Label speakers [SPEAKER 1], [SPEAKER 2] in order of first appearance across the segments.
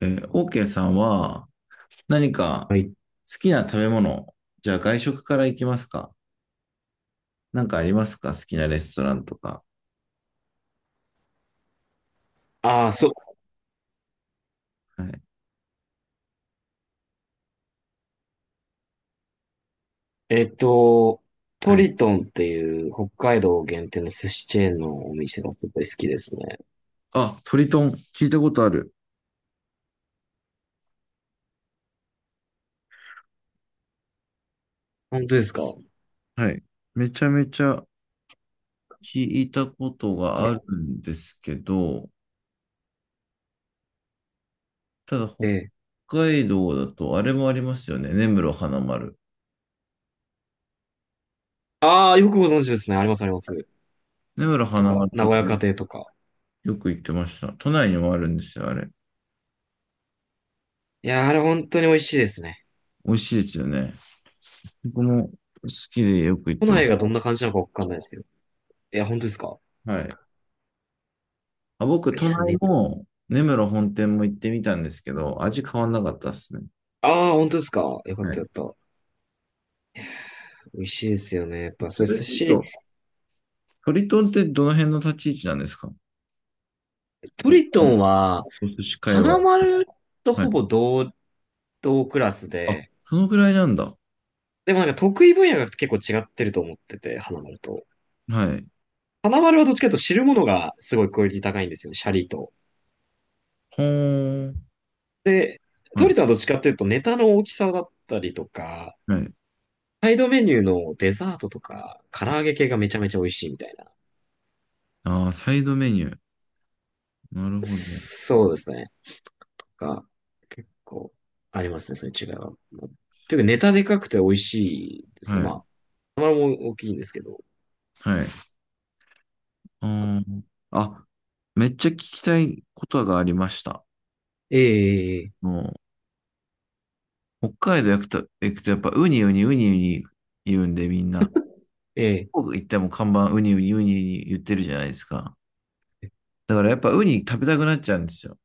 [SPEAKER 1] OK さんは何か
[SPEAKER 2] はい。
[SPEAKER 1] 好きな食べ物、じゃあ外食から行きますか？なんかありますか？好きなレストランとか。
[SPEAKER 2] ああ、そう。
[SPEAKER 1] はい。
[SPEAKER 2] えっと、ト
[SPEAKER 1] はい。
[SPEAKER 2] リトンっていう北海道限定の寿司チェーンのお店がすごい好きですね。
[SPEAKER 1] あ、トリトン聞いたことある。
[SPEAKER 2] 本当ですかね。
[SPEAKER 1] はい。めちゃめちゃ聞いたことがあるんですけど、ただ
[SPEAKER 2] え
[SPEAKER 1] 北
[SPEAKER 2] え。
[SPEAKER 1] 海道だとあれもありますよね。根室花丸。
[SPEAKER 2] ああ、よくご存知ですね。あります、あります。
[SPEAKER 1] 根室花
[SPEAKER 2] とか、
[SPEAKER 1] 丸
[SPEAKER 2] 名
[SPEAKER 1] と
[SPEAKER 2] 古
[SPEAKER 1] か
[SPEAKER 2] 屋家庭とか。
[SPEAKER 1] よく行ってました。都内にもあるんですよ、あれ。
[SPEAKER 2] いやー、あれ本当に美味しいですね。
[SPEAKER 1] 美味しいですよね。僕も好きでよく行っ
[SPEAKER 2] 都
[SPEAKER 1] てます。
[SPEAKER 2] 内がどんな感じなのかわかんないですけど。いや、本当ですか。
[SPEAKER 1] はい。あ、僕、
[SPEAKER 2] い
[SPEAKER 1] 都
[SPEAKER 2] や
[SPEAKER 1] 内
[SPEAKER 2] ね。
[SPEAKER 1] も根室本店も行ってみたんですけど、味変わんなかったですね。
[SPEAKER 2] ああ、本当ですか。よかっ
[SPEAKER 1] は
[SPEAKER 2] た、
[SPEAKER 1] い。
[SPEAKER 2] よかった。美味しいですよね。やっぱ、そ
[SPEAKER 1] そ
[SPEAKER 2] れ
[SPEAKER 1] れで
[SPEAKER 2] 寿
[SPEAKER 1] 言う
[SPEAKER 2] 司、
[SPEAKER 1] と、トリトンってどの辺の立ち位置なんですか？
[SPEAKER 2] トリ
[SPEAKER 1] お
[SPEAKER 2] トンは、
[SPEAKER 1] お寿司界隈。
[SPEAKER 2] 花丸と
[SPEAKER 1] は
[SPEAKER 2] ほ
[SPEAKER 1] い。
[SPEAKER 2] ぼ同等クラス
[SPEAKER 1] あ、
[SPEAKER 2] で、
[SPEAKER 1] そのぐらいなんだ。
[SPEAKER 2] でもなんか得意分野が結構違ってると思ってて、花丸と。
[SPEAKER 1] はい。
[SPEAKER 2] 花丸はどっちかというと知るものがすごいクオリティ高いんですよね、シャリと。
[SPEAKER 1] ほーん。
[SPEAKER 2] で、
[SPEAKER 1] は
[SPEAKER 2] ト
[SPEAKER 1] い。
[SPEAKER 2] リトはどっちかというとネタの大きさだったりとか、
[SPEAKER 1] はい。
[SPEAKER 2] サイドメニューのデザートとか、唐揚げ系がめちゃめちゃ美味しいみたいな。
[SPEAKER 1] ああ、サイドメニュー。なるほど。
[SPEAKER 2] そうですね。が、結構ありますね、そういう違いは。まあというかネタでかくて美味しいで
[SPEAKER 1] は
[SPEAKER 2] すね。ま
[SPEAKER 1] い。
[SPEAKER 2] あ、花丸も大きいんですけど。
[SPEAKER 1] はい。あーあ、めっちゃ聞きたいことがありました。
[SPEAKER 2] ええ、
[SPEAKER 1] もう、北海道行くとやっぱウニウニウニウニ言うんでみんな。
[SPEAKER 2] ええ、
[SPEAKER 1] 僕行っても看板ウニウニウニ言ってるじゃないですか。だからやっぱウニ食べたくなっちゃうんですよ。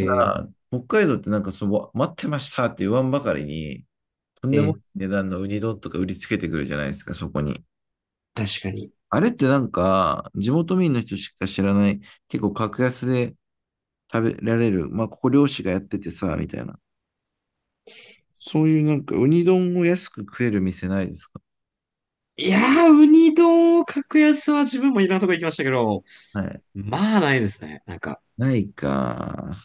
[SPEAKER 1] た
[SPEAKER 2] え、
[SPEAKER 1] だ、北海道ってなんかその、待ってましたって言わんばかりに、とんでもない
[SPEAKER 2] ええ、
[SPEAKER 1] 値段のウニ丼とか売りつけてくるじゃないですか、そこに。
[SPEAKER 2] 確かに。
[SPEAKER 1] あれってなんか、地元民の人しか知らない、結構格安で食べられる、まあここ漁師がやっててさ、みたいな。そういうなんかウニ丼を安く食える店ないですか？
[SPEAKER 2] いやー、ウニ丼を格安は自分もいろんなとこ行きましたけど、
[SPEAKER 1] はい。
[SPEAKER 2] まあないですね。なんか、
[SPEAKER 1] ないか。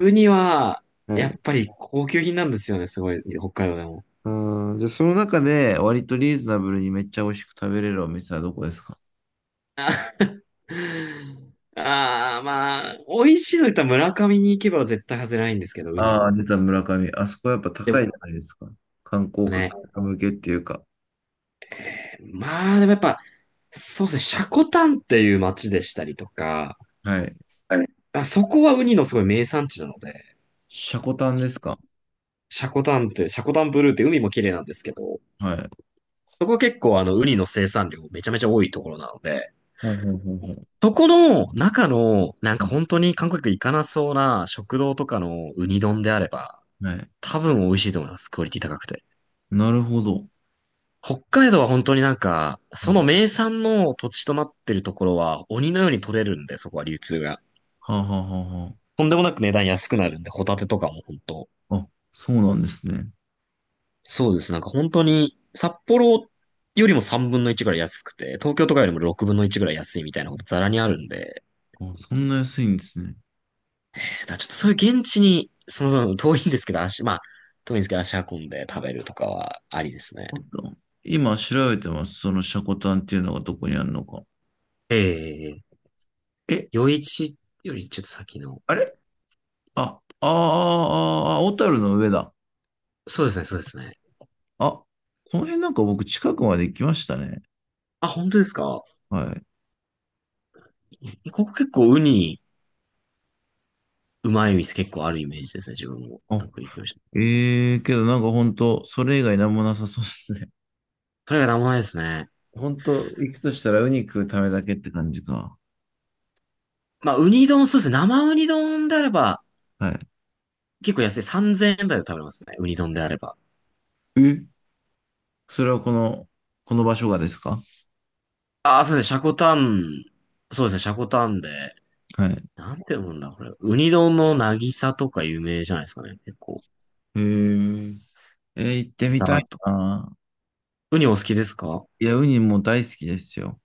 [SPEAKER 2] ウニは、
[SPEAKER 1] は
[SPEAKER 2] や
[SPEAKER 1] い。
[SPEAKER 2] っぱり高級品なんですよね、すごい、北海道でも。
[SPEAKER 1] うん、じゃあその中で割とリーズナブルにめっちゃ美味しく食べれるお店はどこですか？
[SPEAKER 2] あ あー、まあ、美味しいの言ったら村上に行けば絶対外れないんですけど、ウニ
[SPEAKER 1] ああ
[SPEAKER 2] の。
[SPEAKER 1] ー、出た村上。あそこやっぱ
[SPEAKER 2] で
[SPEAKER 1] 高いじ
[SPEAKER 2] も
[SPEAKER 1] ゃないですか。観光
[SPEAKER 2] ね、
[SPEAKER 1] 客向けっていうか。
[SPEAKER 2] まあでもやっぱ、そうですね、積丹っていう町でしたりとか、
[SPEAKER 1] はい。
[SPEAKER 2] はい。あ、そこはウニのすごい名産地なので、
[SPEAKER 1] シャコタンですか？
[SPEAKER 2] 積丹って、積丹ブルーって海も綺麗なんですけど、
[SPEAKER 1] はい。
[SPEAKER 2] そこ結構ウニの生産量めちゃめちゃ多いところなので、
[SPEAKER 1] ほうほうほうほう。
[SPEAKER 2] そこの中の、なん
[SPEAKER 1] は
[SPEAKER 2] か
[SPEAKER 1] い。
[SPEAKER 2] 本当に韓国行かなそうな食堂とかのウニ丼であれば、
[SPEAKER 1] はい。
[SPEAKER 2] 多分美味しいと思います。クオリティ高くて。
[SPEAKER 1] なるほど。
[SPEAKER 2] 北海道は本当になんか、そ
[SPEAKER 1] は
[SPEAKER 2] の
[SPEAKER 1] い。
[SPEAKER 2] 名産の土地となってるところは鬼のように取れるんで、そこは流通が。
[SPEAKER 1] はあ、はあはあは
[SPEAKER 2] とんでもなく値段安くなるんで、ホタテとかも本当。
[SPEAKER 1] あ。あ、そうなんですね。
[SPEAKER 2] そうです。なんか本当に、札幌よりも3分の1ぐらい安くて、東京とかよりも6分の1ぐらい安いみたいなことザラにあるんで、
[SPEAKER 1] あ、そんな安いんですね。
[SPEAKER 2] だからちょっとそういう現地に、その、遠いんですけど、足、まあ、遠いんですけど、足運んで食べるとかはありですね。
[SPEAKER 1] あった。今調べてます。そのシャコタンっていうのがどこにあるのか。
[SPEAKER 2] ええ。
[SPEAKER 1] え、
[SPEAKER 2] 夜市よりちょっと先の。
[SPEAKER 1] あれ、あ、あーあー、あーあー、小樽の上だ。
[SPEAKER 2] そうですね、そうですね。
[SPEAKER 1] あ、この辺なんか僕近くまで行きましたね。
[SPEAKER 2] あ、本当ですか。
[SPEAKER 1] はい。
[SPEAKER 2] ここ結構ウニ、うまい店結構あるイメージですね、自分も。
[SPEAKER 1] あ、
[SPEAKER 2] なんか行きました。
[SPEAKER 1] ええけどなんか本当それ以外なんもなさそうですね。
[SPEAKER 2] それが生前ですね。
[SPEAKER 1] 本当行くとしたらウニ食うためだけって感じか。
[SPEAKER 2] まあ、ウニ丼、そうですね。生ウニ丼であれば、
[SPEAKER 1] は
[SPEAKER 2] 結構安い。3000円台で食べれますね。ウニ丼であれば。
[SPEAKER 1] い。え、それはこの場所がですか？
[SPEAKER 2] ああ、そうですね。シャコタン、そうですね。シャコタンで、
[SPEAKER 1] はい。
[SPEAKER 2] なんて読むんだ、これ。ウニ丼の渚とか有名じゃないですかね。結構。
[SPEAKER 1] えー、行ってみた
[SPEAKER 2] 渚
[SPEAKER 1] い
[SPEAKER 2] とか。
[SPEAKER 1] な。
[SPEAKER 2] ウニお好きですか。
[SPEAKER 1] いや、ウニも大好きですよ。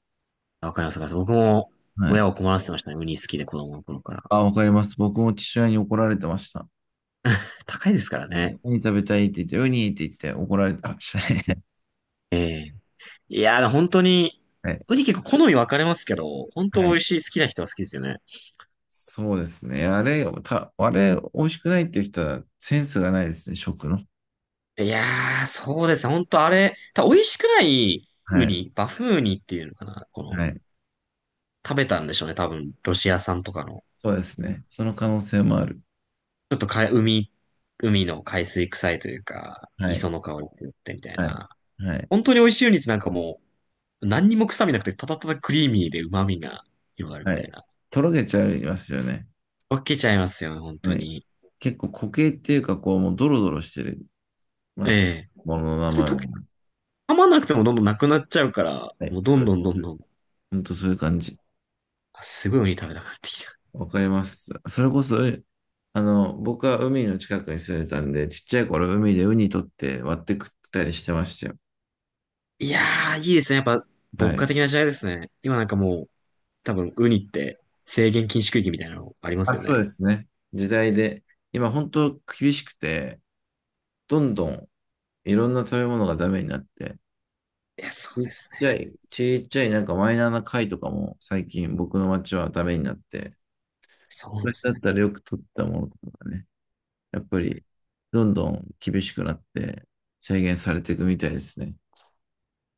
[SPEAKER 2] あ、わかります、わかります。僕も
[SPEAKER 1] は
[SPEAKER 2] 親
[SPEAKER 1] い。
[SPEAKER 2] を困らせてましたね。ウニ好きで子供の頃から。
[SPEAKER 1] あ、わかります。僕も父親に怒られてました。は
[SPEAKER 2] 高いですから
[SPEAKER 1] い。
[SPEAKER 2] ね。
[SPEAKER 1] ウニ食べたいって言って、ウニって言って怒られてましたね。
[SPEAKER 2] ええ。いやー、本当に、
[SPEAKER 1] はい。
[SPEAKER 2] ウニ結構好み分かれますけど、本当
[SPEAKER 1] は
[SPEAKER 2] 美
[SPEAKER 1] い。
[SPEAKER 2] 味しい、好きな人は好きですよね。
[SPEAKER 1] そうですね。あれ、た、あれ、美味しくないっていう人はセンスがないですね、食の。
[SPEAKER 2] いやー、そうですね本当あれ、多分美味しくない
[SPEAKER 1] は
[SPEAKER 2] ウ
[SPEAKER 1] い。
[SPEAKER 2] ニ、バフウニっていうのかな。この、
[SPEAKER 1] はい。
[SPEAKER 2] 食べたんでしょうね。多分、ロシア産とかの。
[SPEAKER 1] そうですね。その可能性もある。
[SPEAKER 2] ちょっとか、海の海水臭いというか、
[SPEAKER 1] は
[SPEAKER 2] 磯
[SPEAKER 1] い。
[SPEAKER 2] の香りが強くてみたい
[SPEAKER 1] はい。
[SPEAKER 2] な。
[SPEAKER 1] はい。
[SPEAKER 2] 本当に美味しいウニってなんかもう、何にも臭みなくて、ただただクリーミーで旨味が広がるみ
[SPEAKER 1] は
[SPEAKER 2] たい
[SPEAKER 1] い。
[SPEAKER 2] な。
[SPEAKER 1] とろけちゃいますよね。
[SPEAKER 2] 分けちゃいますよね、本
[SPEAKER 1] は
[SPEAKER 2] 当
[SPEAKER 1] い。
[SPEAKER 2] に。
[SPEAKER 1] 結構固形っていうか、こう、もうドロドロしてますよ。
[SPEAKER 2] ええ。
[SPEAKER 1] ものの名
[SPEAKER 2] 普通に
[SPEAKER 1] 前
[SPEAKER 2] 溶け、
[SPEAKER 1] が。
[SPEAKER 2] 噛まなくてもどんどんなくなっちゃうから、
[SPEAKER 1] はい。
[SPEAKER 2] もうど
[SPEAKER 1] そ
[SPEAKER 2] ん
[SPEAKER 1] う
[SPEAKER 2] どんどん
[SPEAKER 1] です。
[SPEAKER 2] どん、
[SPEAKER 1] 本当そういう感じ。
[SPEAKER 2] あすごいウニ食べたくなってきた。
[SPEAKER 1] わかります。それこそ、あの、僕は海の近くに住んでたんで、ちっちゃい頃海でウニ取って割って食ったりしてましたよ。
[SPEAKER 2] いやー、いいですね。やっぱ、牧
[SPEAKER 1] はい。
[SPEAKER 2] 歌的な時代ですね。今なんかもう、多分、ウニって制限禁止区域みたいなのありま
[SPEAKER 1] あ、
[SPEAKER 2] すよ
[SPEAKER 1] そう
[SPEAKER 2] ね。
[SPEAKER 1] ですね。時代で、今本当厳しくて、どんどんいろんな食べ物がダメになって、
[SPEAKER 2] いや、そ
[SPEAKER 1] ち
[SPEAKER 2] う
[SPEAKER 1] っ
[SPEAKER 2] です
[SPEAKER 1] ちゃ
[SPEAKER 2] ね。
[SPEAKER 1] い、ちっちゃいなんかマイナーな貝とかも最近僕の町はダメになって、
[SPEAKER 2] そうなんで
[SPEAKER 1] 昔
[SPEAKER 2] す
[SPEAKER 1] だっ
[SPEAKER 2] ね。
[SPEAKER 1] たらよく取ったものとかがね、やっぱりどんどん厳しくなって制限されていくみたいですね。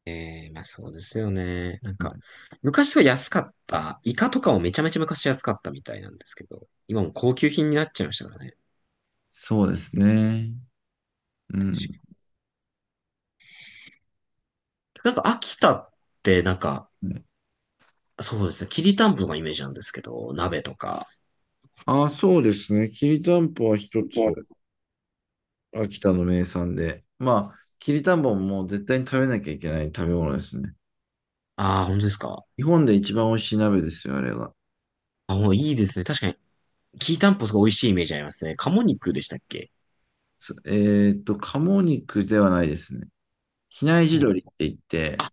[SPEAKER 2] ええ。まあそうですよね。なん
[SPEAKER 1] は
[SPEAKER 2] か、
[SPEAKER 1] い、
[SPEAKER 2] 昔は安かった。イカとかもめちゃめちゃ昔安かったみたいなんですけど、今もう高級品になっちゃいましたからね。
[SPEAKER 1] そうですね。う
[SPEAKER 2] 確
[SPEAKER 1] ん。
[SPEAKER 2] かになんか秋田ってなんか、
[SPEAKER 1] ね。
[SPEAKER 2] そうですね。きりたんぽのイメージなんですけど、鍋とか。
[SPEAKER 1] あ、そうですね。きりたんぽは一つ。
[SPEAKER 2] もう。
[SPEAKER 1] 秋田の名産で。まあ、きりたんぽももう絶対に食べなきゃいけない食べ物ですね。
[SPEAKER 2] ああ、本当ですか。
[SPEAKER 1] 日本で一番美味しい鍋ですよ、あれが。
[SPEAKER 2] あ、もういいですね。確かに、きりたんぽすごい美味しいイメージありますね。鴨肉でしたっけ。
[SPEAKER 1] すえーっと、鴨肉ではないですね。比内地
[SPEAKER 2] そ
[SPEAKER 1] 鶏って
[SPEAKER 2] う。
[SPEAKER 1] 言って、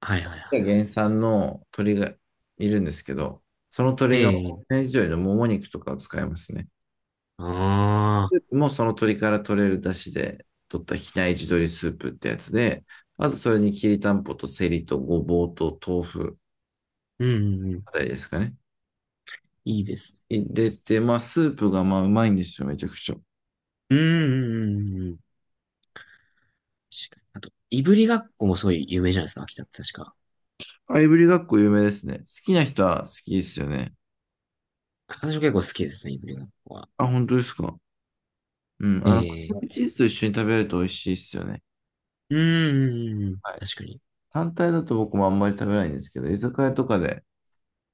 [SPEAKER 2] はいはいは
[SPEAKER 1] 原産の鶏がいるんですけど、その鶏の、
[SPEAKER 2] い。ええ。
[SPEAKER 1] 比内地鶏のもも肉とかを使いますね。
[SPEAKER 2] あ
[SPEAKER 1] ス
[SPEAKER 2] あ、
[SPEAKER 1] ープもその鶏から取れる出汁で取った比内地鶏スープってやつで、あとそれにきりたんぽとセリとごぼうと豆腐
[SPEAKER 2] うん、うんうん、
[SPEAKER 1] あたりですかね。
[SPEAKER 2] いいです。
[SPEAKER 1] 入れて、まあ、スープがまあ、うまいんですよ、めちゃくちゃ。
[SPEAKER 2] うん、うん、うんうん。確かに。あと、いぶりがっこもすごい有名じゃないですか、秋田って確か。
[SPEAKER 1] あ、いぶりがっこ有名ですね。好きな人は好きですよね。
[SPEAKER 2] 私も結構好きですね、いぶりがっこは。
[SPEAKER 1] あ、本当ですか。うん、あの、ク
[SPEAKER 2] え
[SPEAKER 1] リーム
[SPEAKER 2] え。
[SPEAKER 1] チーズと一緒に食べると美味しいですよね。
[SPEAKER 2] うーん。
[SPEAKER 1] はい。
[SPEAKER 2] 確かに。
[SPEAKER 1] 単体だと僕もあんまり食べないんですけど、居酒屋とかで、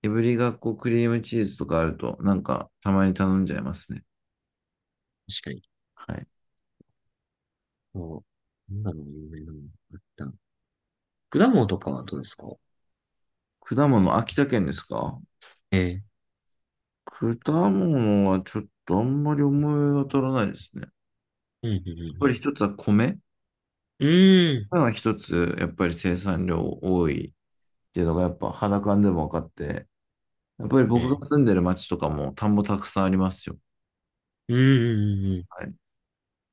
[SPEAKER 1] いぶりがっこクリームチーズとかあると、なんか、たまに頼んじゃいますね。
[SPEAKER 2] 確かに。
[SPEAKER 1] はい。
[SPEAKER 2] そう。なんだろう、有名なの。あった。果物とかはどうですか。
[SPEAKER 1] 果物、秋田県ですか？
[SPEAKER 2] ええ。
[SPEAKER 1] 果物はちょっとあんまり思い当たらないですね。やっ
[SPEAKER 2] うん、う
[SPEAKER 1] ぱり
[SPEAKER 2] ん、
[SPEAKER 1] 一つは米。
[SPEAKER 2] うん、うん。う
[SPEAKER 1] 米
[SPEAKER 2] ー
[SPEAKER 1] は一つ、やっぱり生産量多いっていうのがやっぱ肌感でも分かって、やっぱり僕が
[SPEAKER 2] ん。ええ。
[SPEAKER 1] 住んでる町とかも田んぼたくさんありますよ。
[SPEAKER 2] うん、うん、うん。うん。
[SPEAKER 1] はい。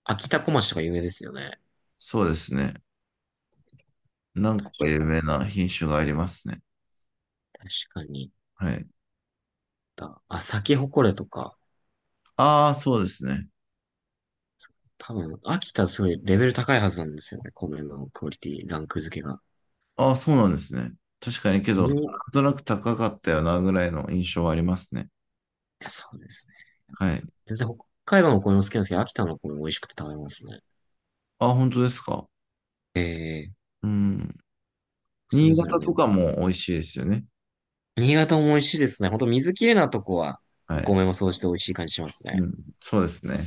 [SPEAKER 2] 秋田小町とか有名ですよね。
[SPEAKER 1] そうですね。何
[SPEAKER 2] 確
[SPEAKER 1] 個か有
[SPEAKER 2] か
[SPEAKER 1] 名な品種がありますね。
[SPEAKER 2] 確かに。
[SPEAKER 1] はい。
[SPEAKER 2] だあ、咲き誇れとか。
[SPEAKER 1] ああ、そうですね。
[SPEAKER 2] 多分、秋田すごいレベル高いはずなんですよね。米のクオリティ、ランク付けが。
[SPEAKER 1] ああ、そうなんですね。確かにけ
[SPEAKER 2] うん。
[SPEAKER 1] ど、
[SPEAKER 2] い
[SPEAKER 1] なんとなく高かったよなぐらいの印象はありますね。
[SPEAKER 2] や、そうですね。
[SPEAKER 1] はい。
[SPEAKER 2] 全然北海道のお米も好きなんですけど、秋田のお米も美味しくて食べますね。
[SPEAKER 1] ああ、本当ですか。
[SPEAKER 2] ええ、
[SPEAKER 1] うん。
[SPEAKER 2] それ
[SPEAKER 1] 新
[SPEAKER 2] ぞれ
[SPEAKER 1] 潟
[SPEAKER 2] の
[SPEAKER 1] と
[SPEAKER 2] よ。
[SPEAKER 1] かも美味しいですよね。
[SPEAKER 2] 新潟も美味しいですね。ほんと水きれいなとこは、
[SPEAKER 1] は
[SPEAKER 2] お
[SPEAKER 1] い。
[SPEAKER 2] 米もそうして美味しい感じしますね。
[SPEAKER 1] うん。そうですね。